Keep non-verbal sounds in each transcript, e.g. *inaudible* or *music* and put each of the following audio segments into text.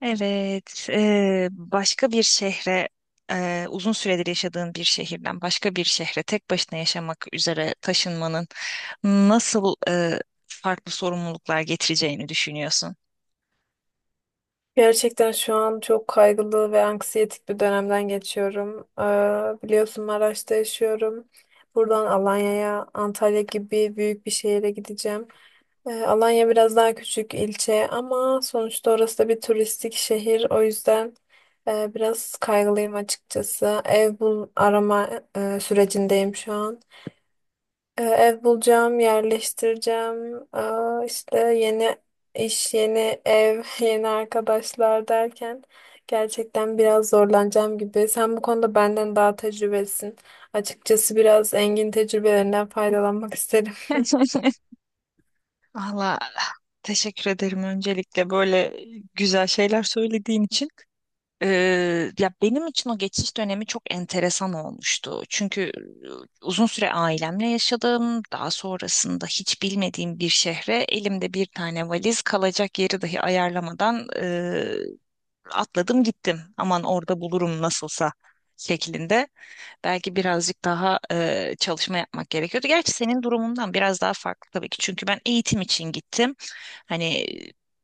Evet, başka bir şehre, uzun süredir yaşadığın bir şehirden başka bir şehre tek başına yaşamak üzere taşınmanın nasıl farklı sorumluluklar getireceğini düşünüyorsun? Gerçekten şu an çok kaygılı ve anksiyetik bir dönemden geçiyorum. Biliyorsun Maraş'ta yaşıyorum. Buradan Alanya'ya, Antalya gibi büyük bir şehire gideceğim. Alanya biraz daha küçük ilçe ama sonuçta orası da bir turistik şehir. O yüzden biraz kaygılıyım açıkçası. Ev arama sürecindeyim şu an. Ev bulacağım, yerleştireceğim. Aa, işte yeni iş, yeni ev, *laughs* yeni arkadaşlar derken gerçekten biraz zorlanacağım gibi. Sen bu konuda benden daha tecrübelisin. Açıkçası biraz Engin tecrübelerinden faydalanmak isterim. *laughs* *laughs* Valla teşekkür ederim öncelikle böyle güzel şeyler söylediğin için. Ya benim için o geçiş dönemi çok enteresan olmuştu. Çünkü uzun süre ailemle yaşadım. Daha sonrasında hiç bilmediğim bir şehre elimde bir tane valiz kalacak yeri dahi ayarlamadan atladım gittim. Aman orada bulurum nasılsa şeklinde. Belki birazcık daha çalışma yapmak gerekiyordu. Gerçi senin durumundan biraz daha farklı tabii ki. Çünkü ben eğitim için gittim. Hani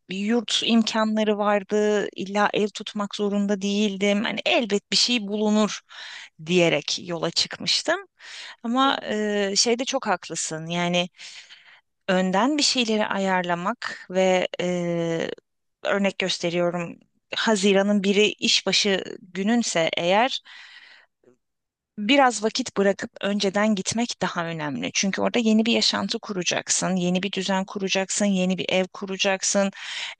bir yurt imkanları vardı. İlla ev tutmak zorunda değildim. Hani elbet bir şey bulunur diyerek yola çıkmıştım. Ama şeyde çok haklısın. Yani önden bir şeyleri ayarlamak ve örnek gösteriyorum Haziran'ın biri işbaşı gününse eğer biraz vakit bırakıp önceden gitmek daha önemli. Çünkü orada yeni bir yaşantı kuracaksın, yeni bir düzen kuracaksın, yeni bir ev kuracaksın.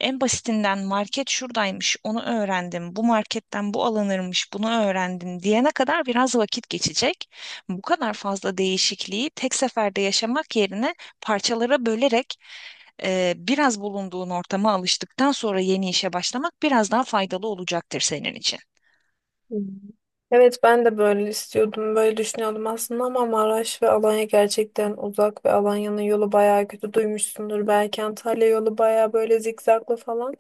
En basitinden market şuradaymış, onu öğrendim. Bu marketten bu alınırmış, bunu öğrendim diyene kadar biraz vakit geçecek. Bu kadar fazla değişikliği tek seferde yaşamak yerine parçalara bölerek biraz bulunduğun ortama alıştıktan sonra yeni işe başlamak biraz daha faydalı olacaktır senin için. Hı. Evet ben de böyle istiyordum, böyle düşünüyordum aslında ama Maraş ve Alanya gerçekten uzak ve Alanya'nın yolu bayağı kötü duymuşsundur. Belki Antalya yolu bayağı böyle zikzaklı falan.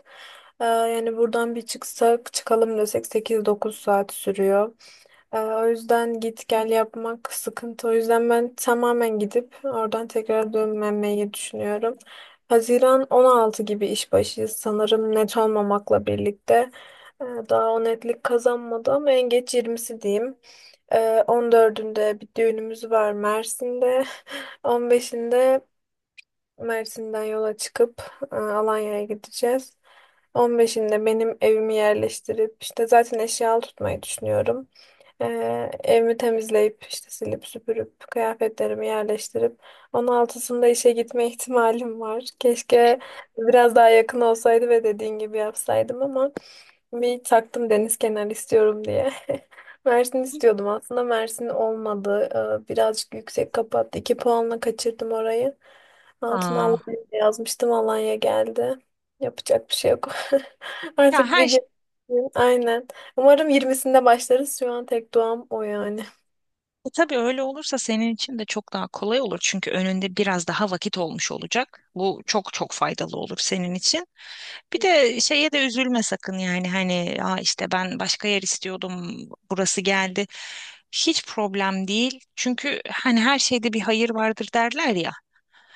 Yani buradan bir çıksak çıkalım desek 8-9 saat sürüyor. O yüzden git gel yapmak sıkıntı. O yüzden ben tamamen gidip oradan tekrar dönmemeyi düşünüyorum. Haziran 16 gibi iş başıyız sanırım, net olmamakla birlikte. Daha o netlik kazanmadı ama en geç yirmisi diyeyim. 14'ünde bir düğünümüz var Mersin'de. *laughs* 15'inde Mersin'den yola çıkıp Alanya'ya gideceğiz. 15'inde benim evimi yerleştirip işte zaten eşyalı tutmayı düşünüyorum. Evimi temizleyip işte silip süpürüp kıyafetlerimi yerleştirip 16'sında işe gitme *laughs* ihtimalim var. Keşke biraz daha yakın olsaydı ve dediğin gibi yapsaydım ama bir taktım deniz kenarı istiyorum diye. *laughs* Mersin istiyordum aslında, Mersin olmadı. Birazcık yüksek kapattı. 2 puanla kaçırdım orayı. Altına Aa. Alanya yazmıştım, Alanya geldi. Yapacak bir şey yok. *laughs* Ya Artık bir her gün, aynen. Umarım yirmisinde başlarız. Şu an tek duam o yani. E tabii öyle olursa senin için de çok daha kolay olur. Çünkü önünde biraz daha vakit olmuş olacak. Bu çok çok faydalı olur senin için. Bir de şeye de üzülme sakın yani hani aa işte ben başka yer istiyordum burası geldi. Hiç problem değil. Çünkü hani her şeyde bir hayır vardır derler ya.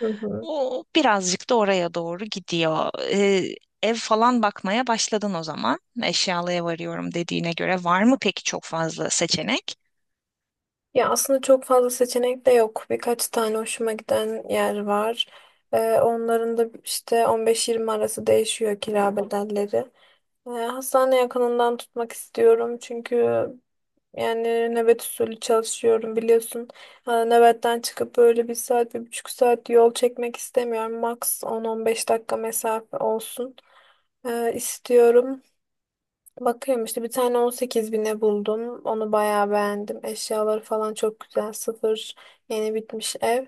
Hı hı. O birazcık da oraya doğru gidiyor. Ev falan bakmaya başladın o zaman. Eşyalıya varıyorum dediğine göre var mı peki çok fazla seçenek? Ya aslında çok fazla seçenek de yok. Birkaç tane hoşuma giden yer var. Onların da işte 15-20 arası değişiyor kira bedelleri. Hastane yakınından tutmak istiyorum çünkü yani nöbet usulü çalışıyorum, biliyorsun. Nöbetten çıkıp böyle 1 saat, 1,5 saat yol çekmek istemiyorum. Max 10-15 dakika mesafe olsun. İstiyorum. Bakıyorum işte bir tane 18 bine buldum. Onu bayağı beğendim. Eşyaları falan çok güzel. Sıfır, yeni bitmiş ev.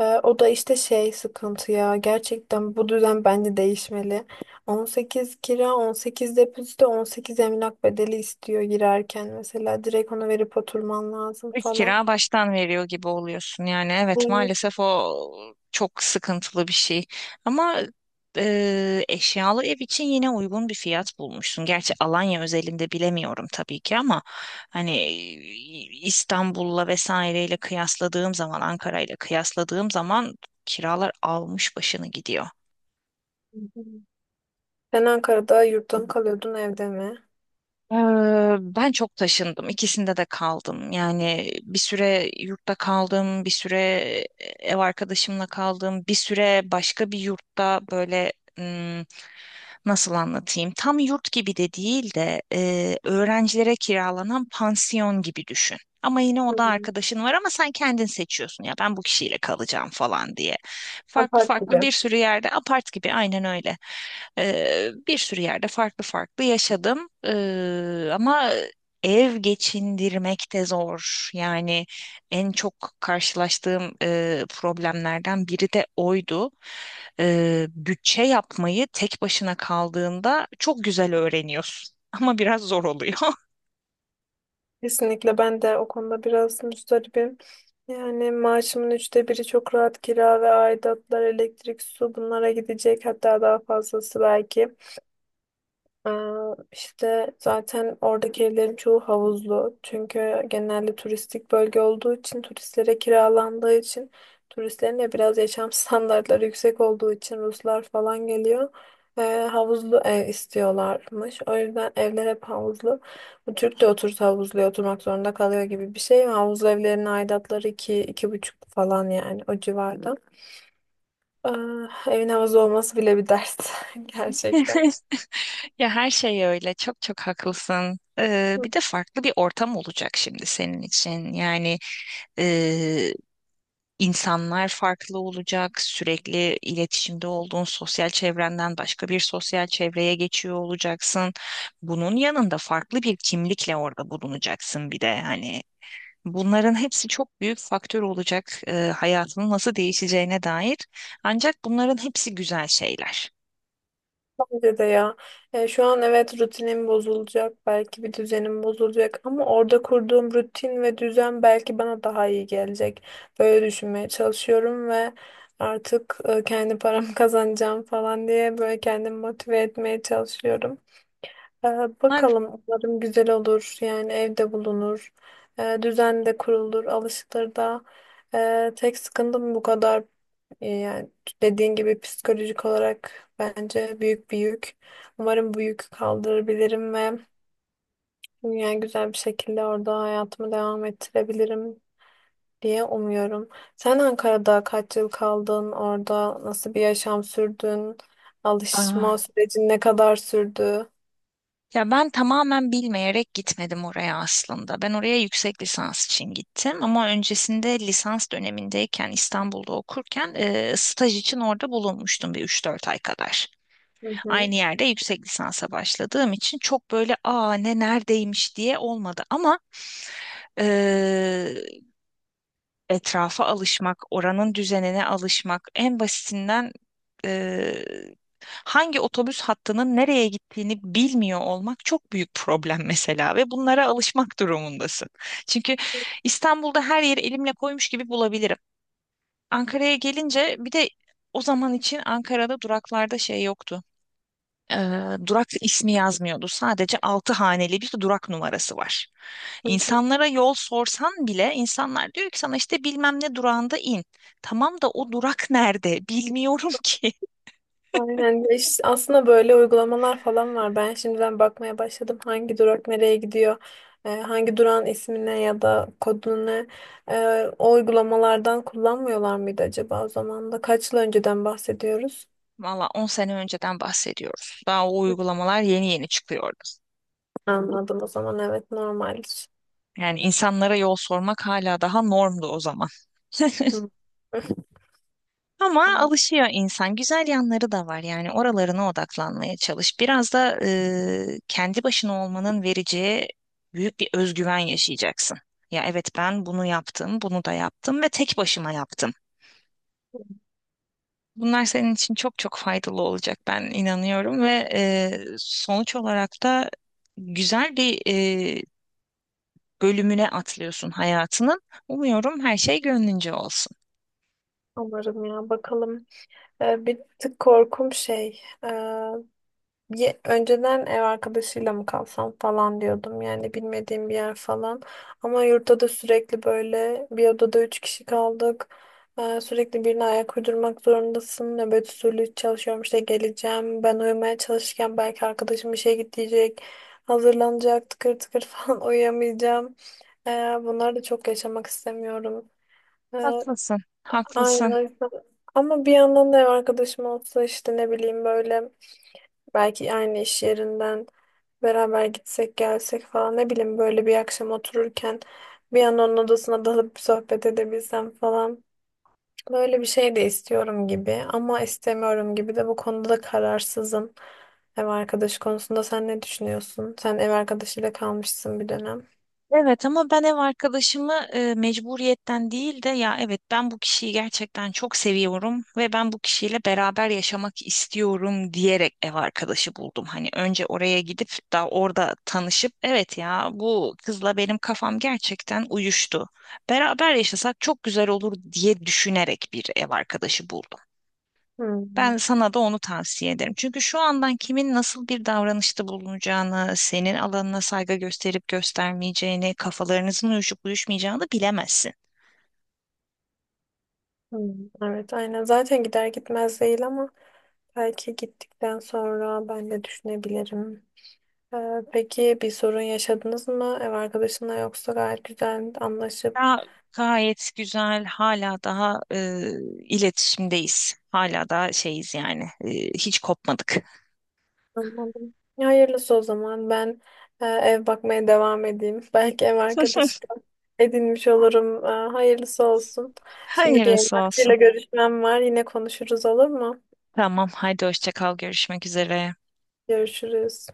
O da işte şey sıkıntı ya. Gerçekten bu düzen bence değişmeli. 18 kira, 18 depozito, 18 emlak bedeli istiyor girerken. Mesela direkt onu verip oturman lazım İlk falan. kira baştan veriyor gibi oluyorsun. Yani evet maalesef o çok sıkıntılı bir şey. Ama eşyalı ev için yine uygun bir fiyat bulmuşsun. Gerçi Alanya özelinde bilemiyorum tabii ki ama hani İstanbul'la vesaireyle kıyasladığım zaman, Ankara'yla kıyasladığım zaman kiralar almış başını gidiyor. Sen Ankara'da yurtta mı kalıyordun, evde mi? Ben çok taşındım. İkisinde de kaldım. Yani bir süre yurtta kaldım, bir süre ev arkadaşımla kaldım, bir süre başka bir yurtta böyle ım, nasıl anlatayım? Tam yurt gibi de değil de öğrencilere kiralanan pansiyon gibi düşün. Ama yine o da Hmm, arkadaşın var ama sen kendin seçiyorsun ya ben bu kişiyle kalacağım falan diye. Farklı apart gibi. farklı bir sürü yerde apart gibi aynen öyle. Bir sürü yerde farklı farklı yaşadım. Ama ev geçindirmek de zor. Yani en çok karşılaştığım problemlerden biri de oydu. Bütçe yapmayı tek başına kaldığında çok güzel öğreniyorsun. *laughs* Ama biraz zor oluyor. Kesinlikle ben de o konuda biraz müzdaribim. Yani maaşımın üçte biri çok rahat kira ve aidatlar, elektrik, su bunlara gidecek, hatta daha fazlası belki. Aa, işte zaten oradaki evlerin çoğu havuzlu. Çünkü genelde turistik bölge olduğu için, turistlere kiralandığı için, turistlerin de biraz yaşam *laughs* standartları yüksek olduğu için Ruslar falan geliyor. Ee, Havuzlu ev istiyorlarmış. O yüzden evler hep havuzlu. Bu Türk de otursa havuzluya oturmak zorunda kalıyor gibi bir şey. Havuzlu evlerin aidatları 2, iki buçuk falan, yani o civarda. Ee, Evin havuzlu olması bile bir dert *laughs* gerçekten. *laughs* Ya her şey öyle. Çok çok haklısın. Ee, Hı. bir de farklı bir ortam olacak şimdi senin için. Yani e, insanlar farklı olacak. Sürekli iletişimde olduğun sosyal çevrenden başka bir sosyal çevreye geçiyor olacaksın. Bunun yanında farklı bir kimlikle orada bulunacaksın bir de hani. Bunların hepsi çok büyük faktör olacak hayatının nasıl değişeceğine dair. Ancak bunların hepsi güzel şeyler. Bence de ya. Şu an evet rutinim bozulacak. Belki bir düzenim bozulacak. Ama orada kurduğum rutin ve düzen belki bana daha iyi gelecek. Böyle düşünmeye çalışıyorum ve artık kendi paramı *laughs* kazanacağım falan diye böyle kendimi motive etmeye çalışıyorum. Ee, Bakalım umarım güzel olur. Yani evde bulunur. Düzen de kurulur. Alışılır da. Tek sıkıntım bu kadar. Yani dediğin gibi psikolojik olarak bence büyük bir yük. Umarım bu yükü kaldırabilirim ve yani güzel bir şekilde orada hayatımı devam ettirebilirim diye umuyorum. Sen Ankara'da kaç yıl kaldın? Orada nasıl bir yaşam sürdün? Bunlar Alışma sürecin ne kadar sürdü? Ya ben tamamen bilmeyerek gitmedim oraya aslında. Ben oraya yüksek lisans için gittim ama öncesinde lisans dönemindeyken İstanbul'da okurken staj için orada bulunmuştum bir üç dört ay kadar. Hı hı. Aynı yerde yüksek lisansa başladığım için çok böyle aa ne neredeymiş diye olmadı ama e, etrafa alışmak, oranın düzenine alışmak en basitinden e, hangi otobüs hattının nereye gittiğini bilmiyor olmak çok büyük problem mesela ve bunlara alışmak durumundasın. Çünkü İstanbul'da her yeri elimle koymuş gibi bulabilirim. Ankara'ya gelince bir de o zaman için Ankara'da duraklarda şey yoktu. Durak ismi yazmıyordu. Sadece altı haneli bir durak numarası var. Hı hı. İnsanlara yol sorsan bile insanlar diyor ki sana işte bilmem ne durağında in. Tamam da o durak nerede? Bilmiyorum ki. Aynen. Ya işte aslında böyle uygulamalar falan *laughs* var. Ben şimdiden bakmaya başladım. Hangi durak nereye gidiyor? Hangi durağın ismine ya da kodunu ne? O uygulamalardan kullanmıyorlar mıydı acaba o zaman da? Kaç yıl önceden bahsediyoruz? Valla 10 sene önceden bahsediyoruz. Daha o uygulamalar yeni yeni çıkıyordu. Anladım, o zaman evet normaldir. Yani insanlara yol sormak hala daha normdu o zaman. *laughs* Hı. Ama *laughs* alışıyor insan. Güzel yanları da var. Yani oralarına odaklanmaya çalış. Biraz da kendi başına olmanın vereceği büyük bir özgüven yaşayacaksın. Ya evet ben bunu yaptım, bunu da yaptım ve tek başıma yaptım. Bunlar senin için çok çok faydalı olacak ben inanıyorum ve sonuç olarak da güzel bir e, bölümüne atlıyorsun hayatının. Umuyorum her şey gönlünce olsun. Umarım ya, bakalım. Bir tık korkum şey. Önceden ev arkadaşıyla mı kalsam falan diyordum yani, bilmediğim bir yer falan. Ama yurtta da sürekli böyle bir odada 3 kişi kaldık. Sürekli birine ayak uydurmak zorundasın. Nöbet usulü çalışıyorum işte, geleceğim. Ben uyumaya çalışırken belki arkadaşım işe gidecek. Hazırlanacak tıkır tıkır *laughs* falan, uyuyamayacağım. Ee, Bunları da çok yaşamak istemiyorum. Ee, Haklısın, haklısın. aynen o. Ama bir yandan da ev arkadaşım olsa işte, ne bileyim, böyle belki aynı iş yerinden beraber gitsek gelsek falan, ne bileyim, böyle bir akşam otururken bir an onun odasına dalıp sohbet edebilsem falan. Böyle bir şey de istiyorum gibi ama istemiyorum gibi, de bu konuda da kararsızım. Ev arkadaşı konusunda sen ne düşünüyorsun? Sen ev arkadaşıyla kalmışsın bir dönem. Evet ama ben ev arkadaşımı mecburiyetten değil de ya evet ben bu kişiyi gerçekten çok seviyorum ve ben bu kişiyle beraber yaşamak istiyorum diyerek ev arkadaşı buldum. Hani önce oraya gidip daha orada tanışıp evet ya bu kızla benim kafam gerçekten uyuştu. Beraber yaşasak çok güzel olur diye düşünerek bir ev arkadaşı buldum. Hmm, Ben sana da onu tavsiye ederim. Çünkü şu andan kimin nasıl bir davranışta bulunacağını, senin alanına saygı gösterip göstermeyeceğini, kafalarınızın uyuşup uyuşmayacağını bilemezsin. hmm. Evet aynen, zaten gider gitmez değil ama belki gittikten sonra ben de düşünebilirim. Peki bir sorun yaşadınız mı ev arkadaşınla, yoksa gayet güzel anlaşıp Daha gayet güzel. Hala daha iletişimdeyiz. Hala daha şeyiz yani. Hiç kopmadık. anladım. Ya, hayırlısı o zaman. Ben ev bakmaya devam edeyim. *laughs* Belki ev arkadaşı *laughs* da edinmiş olurum. Hayırlısı olsun. Şimdi bir Hayırlısı olsun. emlakçıyla görüşmem var. Yine konuşuruz, olur mu? Tamam, haydi hoşça kal. Görüşmek üzere. Görüşürüz.